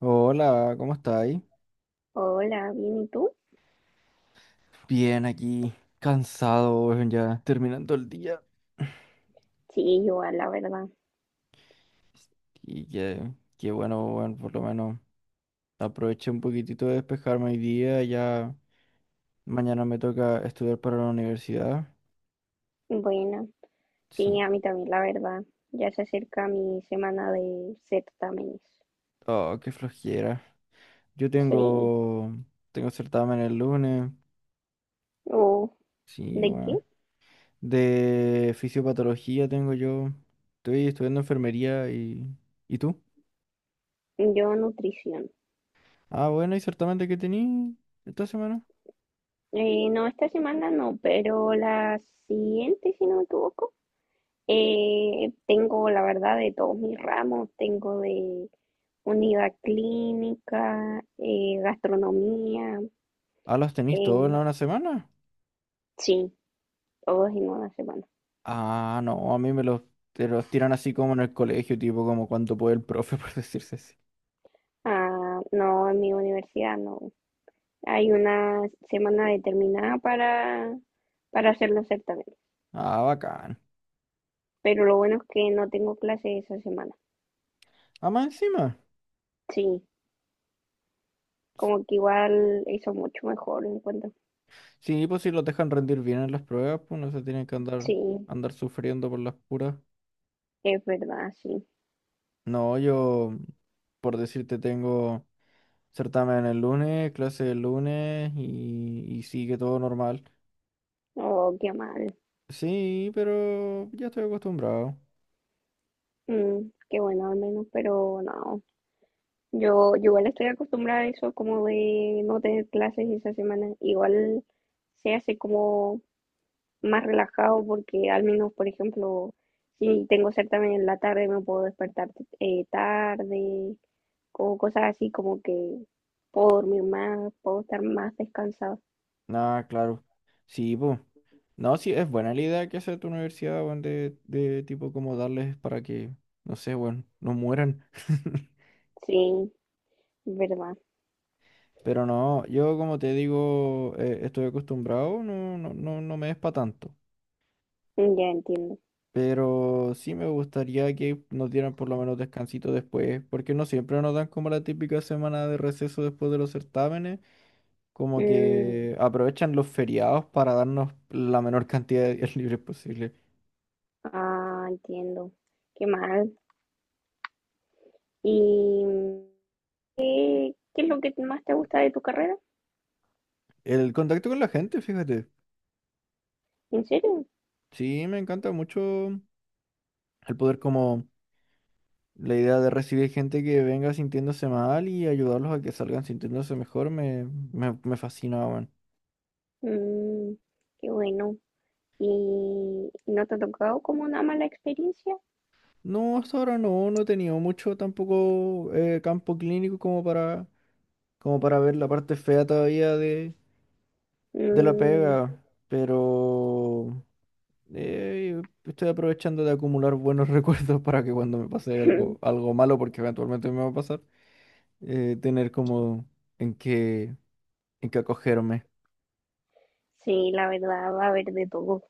Hola, ¿cómo estáis? Hola, bien, ¿y tú? Bien, aquí, cansado, weón, ya terminando el día. Sí, igual, la verdad. Y que, Qué bueno, weón, por lo menos aproveché un poquitito de despejarme hoy día. Ya mañana me toca estudiar para la universidad. Bueno, Sí. sí, a mí también, la verdad. Ya se acerca mi semana de certámenes. Oh, qué flojera. Yo Sí, tengo, Tengo certamen el lunes. o Sí, ¿de qué? bueno. De fisiopatología tengo yo. Estoy estudiando enfermería y... ¿Y tú? Yo nutrición. Ah, bueno, ¿y certamen de qué tení esta semana? No, esta semana no, pero la siguiente, si no me equivoco. Tengo, la verdad, de todos mis ramos. Tengo de unidad clínica, gastronomía. Ah, los tenéis todos en eh, una semana. sí, todos en una semana. Ah, no, a mí me los, te los tiran así como en el colegio, tipo como cuanto puede el profe, por decirse así. Ah, no, en mi universidad no. Hay una semana determinada para hacer los certámenes, Ah, bacán. pero lo bueno es que no tengo clase esa semana. Ah, más encima. Sí, como que igual hizo mucho mejor, encuentro. Sí, pues si los dejan rendir bien en las pruebas, pues no se tienen que andar, Sí, andar sufriendo por las puras. es verdad, sí. No, yo, Por decirte, tengo certamen el lunes, clase el lunes y sigue todo normal. Oh, qué mal. Sí, pero ya estoy acostumbrado. Mm, qué bueno al menos, pero no. Yo igual estoy acostumbrada a eso, como de no tener clases esa semana. Igual se hace como más relajado porque al menos, por ejemplo, si tengo certamen en la tarde me puedo despertar tarde o cosas así como que puedo dormir más, puedo estar más descansado. Ah, claro. Sí, pues. No, sí, es buena la idea que hace tu universidad, weón, de tipo como darles para que, no sé, weón, no mueran. Sí, verdad. Pero no, yo como te digo, estoy acostumbrado, no, no, no, no me es para tanto. Mm, ya entiendo. Pero sí me gustaría que nos dieran por lo menos descansito después, porque no siempre nos dan como la típica semana de receso después de los certámenes, como Mm, que aprovechan los feriados para darnos la menor cantidad de días libres posible. ah, entiendo. Qué mal. ¿Y qué es lo que más te gusta de tu carrera? El contacto con la gente, fíjate. ¿En serio? Sí, me encanta mucho el poder como la idea de recibir gente que venga sintiéndose mal y ayudarlos a que salgan sintiéndose mejor me fascina, weón. Mm, qué bueno. ¿Y no te ha tocado como una mala experiencia? No, hasta ahora no, no he tenido mucho tampoco campo clínico como para, como para ver la parte fea todavía de la Mm. pega, pero estoy aprovechando de acumular buenos recuerdos para que cuando me pase algo malo, porque eventualmente me va a pasar tener como en qué, en qué acogerme. Sí, la verdad va a haber de todo.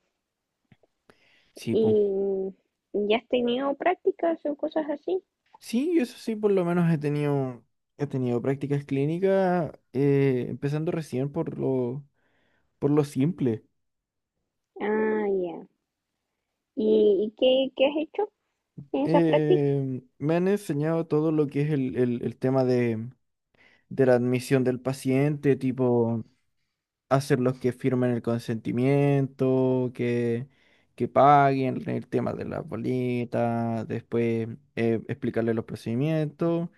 Sí, pues. ¿Y ya has tenido prácticas o cosas así? Sí, yo eso sí, por lo menos he tenido prácticas clínicas, empezando recién por lo simple. Ah, ya. ¿Y, qué has hecho en esas prácticas? Me han enseñado todo lo que es el tema de la admisión del paciente, tipo hacer los que firmen el consentimiento, que paguen el tema de las bolitas, después explicarles los procedimientos,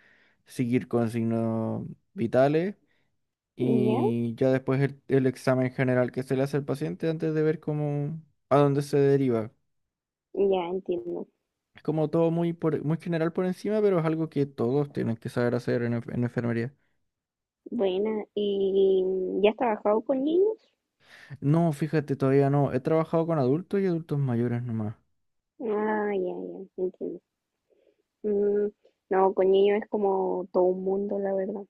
seguir con signos vitales Ya, y ya después el examen general que se le hace al paciente antes de ver cómo, a dónde se deriva. ya entiendo. Es como todo muy, por, muy general por encima, pero es algo que todos tienen que saber hacer en enfermería. Buena. ¿Y ya has trabajado con niños? No, fíjate, todavía no. He trabajado con adultos y adultos mayores nomás. Ah, ya, ya, entiendo. Mm, no, con niños es como todo un mundo, la verdad.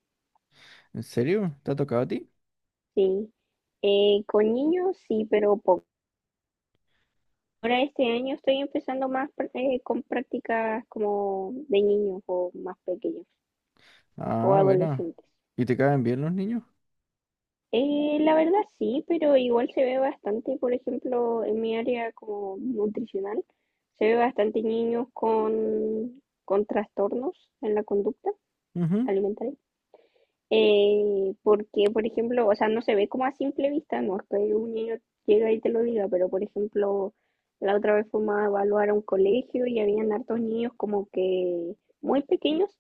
¿En serio? ¿Te ha tocado a ti? Sí. Con niños sí, pero poco. Ahora este año estoy empezando más con prácticas como de niños o más pequeños, o Ah, bueno. adolescentes. ¿Y te caen bien los niños? La verdad sí, pero igual se ve bastante, por ejemplo, en mi área como nutricional, se ve bastante niños con trastornos en la conducta Ujú. alimentaria. Porque, por ejemplo, o sea, no se ve como a simple vista, no es que un niño llega y te lo diga, pero por ejemplo, la otra vez fuimos a evaluar a un colegio y habían hartos niños como que muy pequeños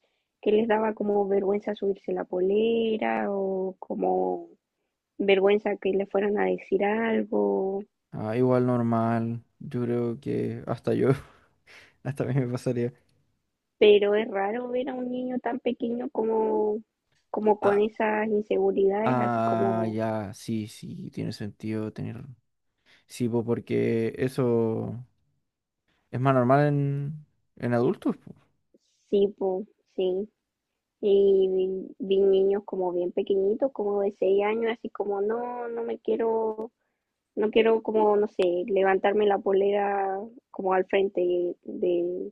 que les daba como vergüenza subirse la polera o como vergüenza que le fueran a decir algo, Ah, igual normal. Yo creo que hasta yo, hasta a mí me pasaría. pero es raro ver a un niño tan pequeño como con Ah, esas inseguridades, así ah, como, ya, sí, sí, tiene sentido tener. Sí, po, porque eso es más normal en adultos, po. sí, po, sí. Y vi niños como bien pequeñitos, como de 6 años, así como, no, no me quiero, no quiero como, no sé, levantarme la polera como al frente de,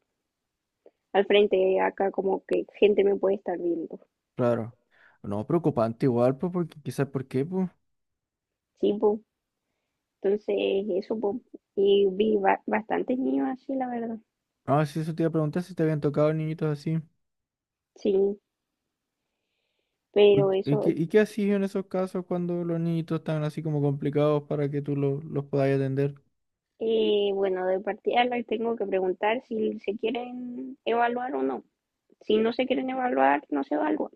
al frente acá, como que gente me puede estar viendo. Claro. No, preocupante igual, pues, porque quizás por qué, pues. Sí, po. Entonces, eso, po, y vi bastantes niños así, la verdad. Ah, sí, eso te iba a preguntar si te habían tocado niñitos así. Sí, Uy, pero ¿y eso, qué, y qué hacías en esos casos cuando los niñitos están así como complicados para que tú los puedas atender? Bueno, de partida les tengo que preguntar si se quieren evaluar o no. Si no se quieren evaluar, no se evalúan.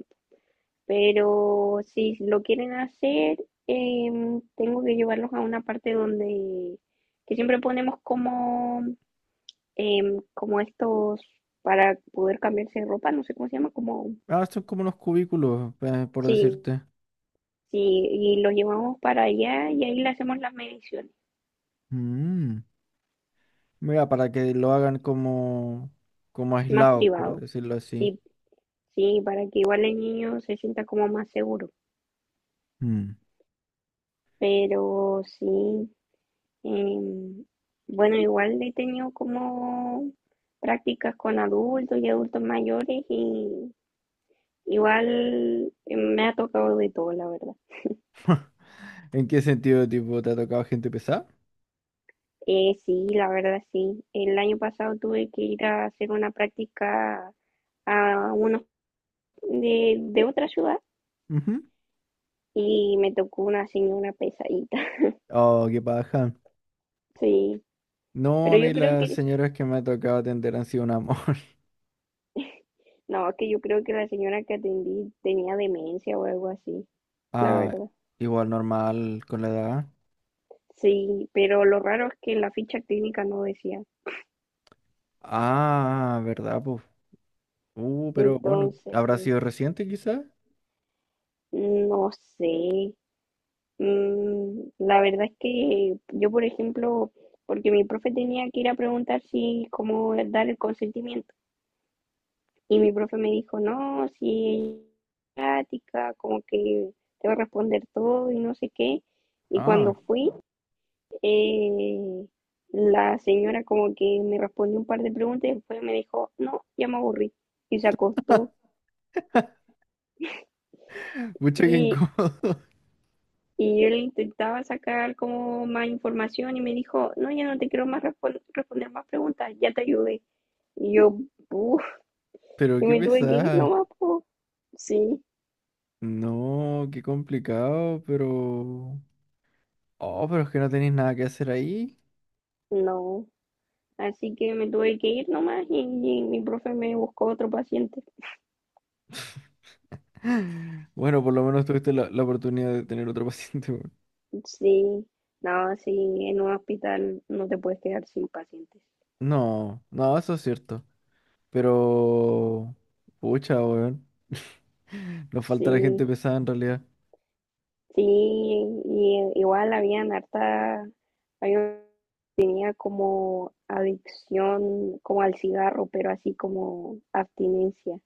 Pero si lo quieren hacer, tengo que llevarlos a una parte donde, que siempre ponemos como, como estos para poder cambiarse de ropa, no sé cómo se llama, como, Ah, son como unos cubículos, por sí. decirte. Sí, y lo llevamos para allá y ahí le hacemos las mediciones, Mm, mira, para que lo hagan como, como más aislados, por privado. decirlo así. Sí, sí, para que igual el niño se sienta como más seguro. Mm. Pero sí, em, bueno, igual he tenido como prácticas con adultos y adultos mayores y igual me ha tocado de todo, la verdad. ¿En qué sentido, tipo, te ha tocado gente pesada? Sí, la verdad sí. El año pasado tuve que ir a hacer una práctica a unos de otra ciudad Ujú. y me tocó una señora pesadita. Oh, qué paja. Sí, No, pero a mí yo creo las que, señoras que me ha tocado atender han sido un amor. no, que yo creo que la señora que atendí tenía demencia o algo así, la Ah, verdad. igual normal con la edad. Sí, pero lo raro es que la ficha clínica no decía. Ah, ¿verdad? Pues, pero bueno, ¿habrá Entonces, sido reciente quizás? no sé. Mm, la verdad es que yo, por ejemplo, porque mi profe tenía que ir a preguntar si, cómo dar el consentimiento. Y mi profe me dijo, no, si ella es práctica, como que te va a responder todo y no sé qué. Y cuando Ah, fui, eh, la señora como que me respondió un par de preguntas y después me dijo, no, ya me aburrí. Y se acostó. mucha que Y, incómodo. y yo le intentaba sacar como más información y me dijo, no, ya no te quiero más responder más preguntas, ya te ayudé. Y yo, uff, Pero y qué me tuve que ir pesada. nomás, po. Sí, No, qué complicado, pero... Oh, pero es que no tenéis nada que hacer ahí. no. Así que me tuve que ir nomás y mi profe me buscó otro paciente. Bueno, por lo menos tuviste la oportunidad de tener otro paciente, weón. Sí, no, sí, en un hospital no te puedes quedar sin pacientes. No, no, eso es cierto. Pero... Pucha, weón. Nos falta la Sí, gente pesada en realidad. sí, y igual había como adicción, como al cigarro, pero así como abstinencia.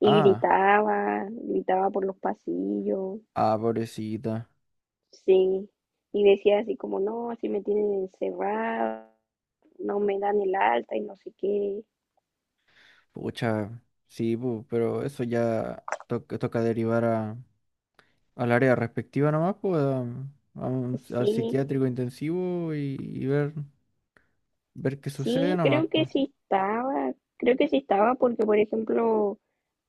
Y Ah, gritaba por los pasillos, ah, pobrecita. sí, y decía así como, no, así me tienen encerrado, no me dan el alta y no sé qué. Pucha, sí, pu, pero eso ya toca derivar a, al área respectiva nomás, pues, al Sí, psiquiátrico intensivo y ver. Ver qué sucede sí, nomás, pues. Creo que sí estaba porque, por ejemplo,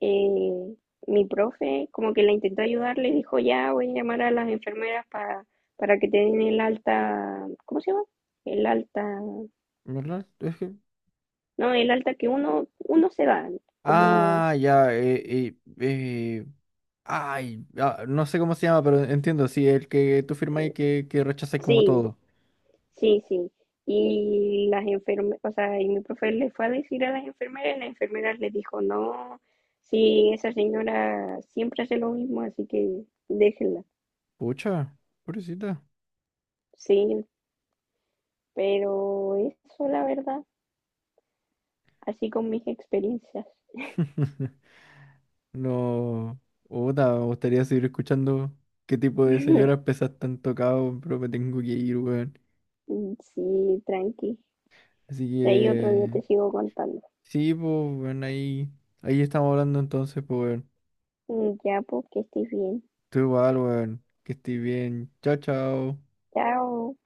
eh, mi profe como que la intentó ayudar, le dijo, ya voy a llamar a las enfermeras para que te den el alta, ¿cómo se llama? El alta, ¿Verdad? Es que... no, el alta que uno se da, como, Ah, ya, eh, ay, ah, no sé cómo se llama, pero entiendo, sí, el que tú firmas y que rechazáis como sí. todo. Sí, sí. Y las enfermeras, o sea, y mi profe le fue a decir a las enfermeras, y las enfermeras le dijo, no, sí, esa señora siempre hace lo mismo, así que déjenla. Pucha, pobrecita. Sí, pero eso, la verdad, así con mis experiencias. No, puta, me gustaría seguir escuchando qué tipo de señoras pesas tan tocado, pero me tengo que ir, weón. Sí, tranqui. Así De ahí otro día que, te sigo contando. sí, pues, weón, ahí estamos hablando entonces, pues, weón. Ya, pues, que estés bien. Tú igual, weón, que estés bien. Chao, chao. Chao.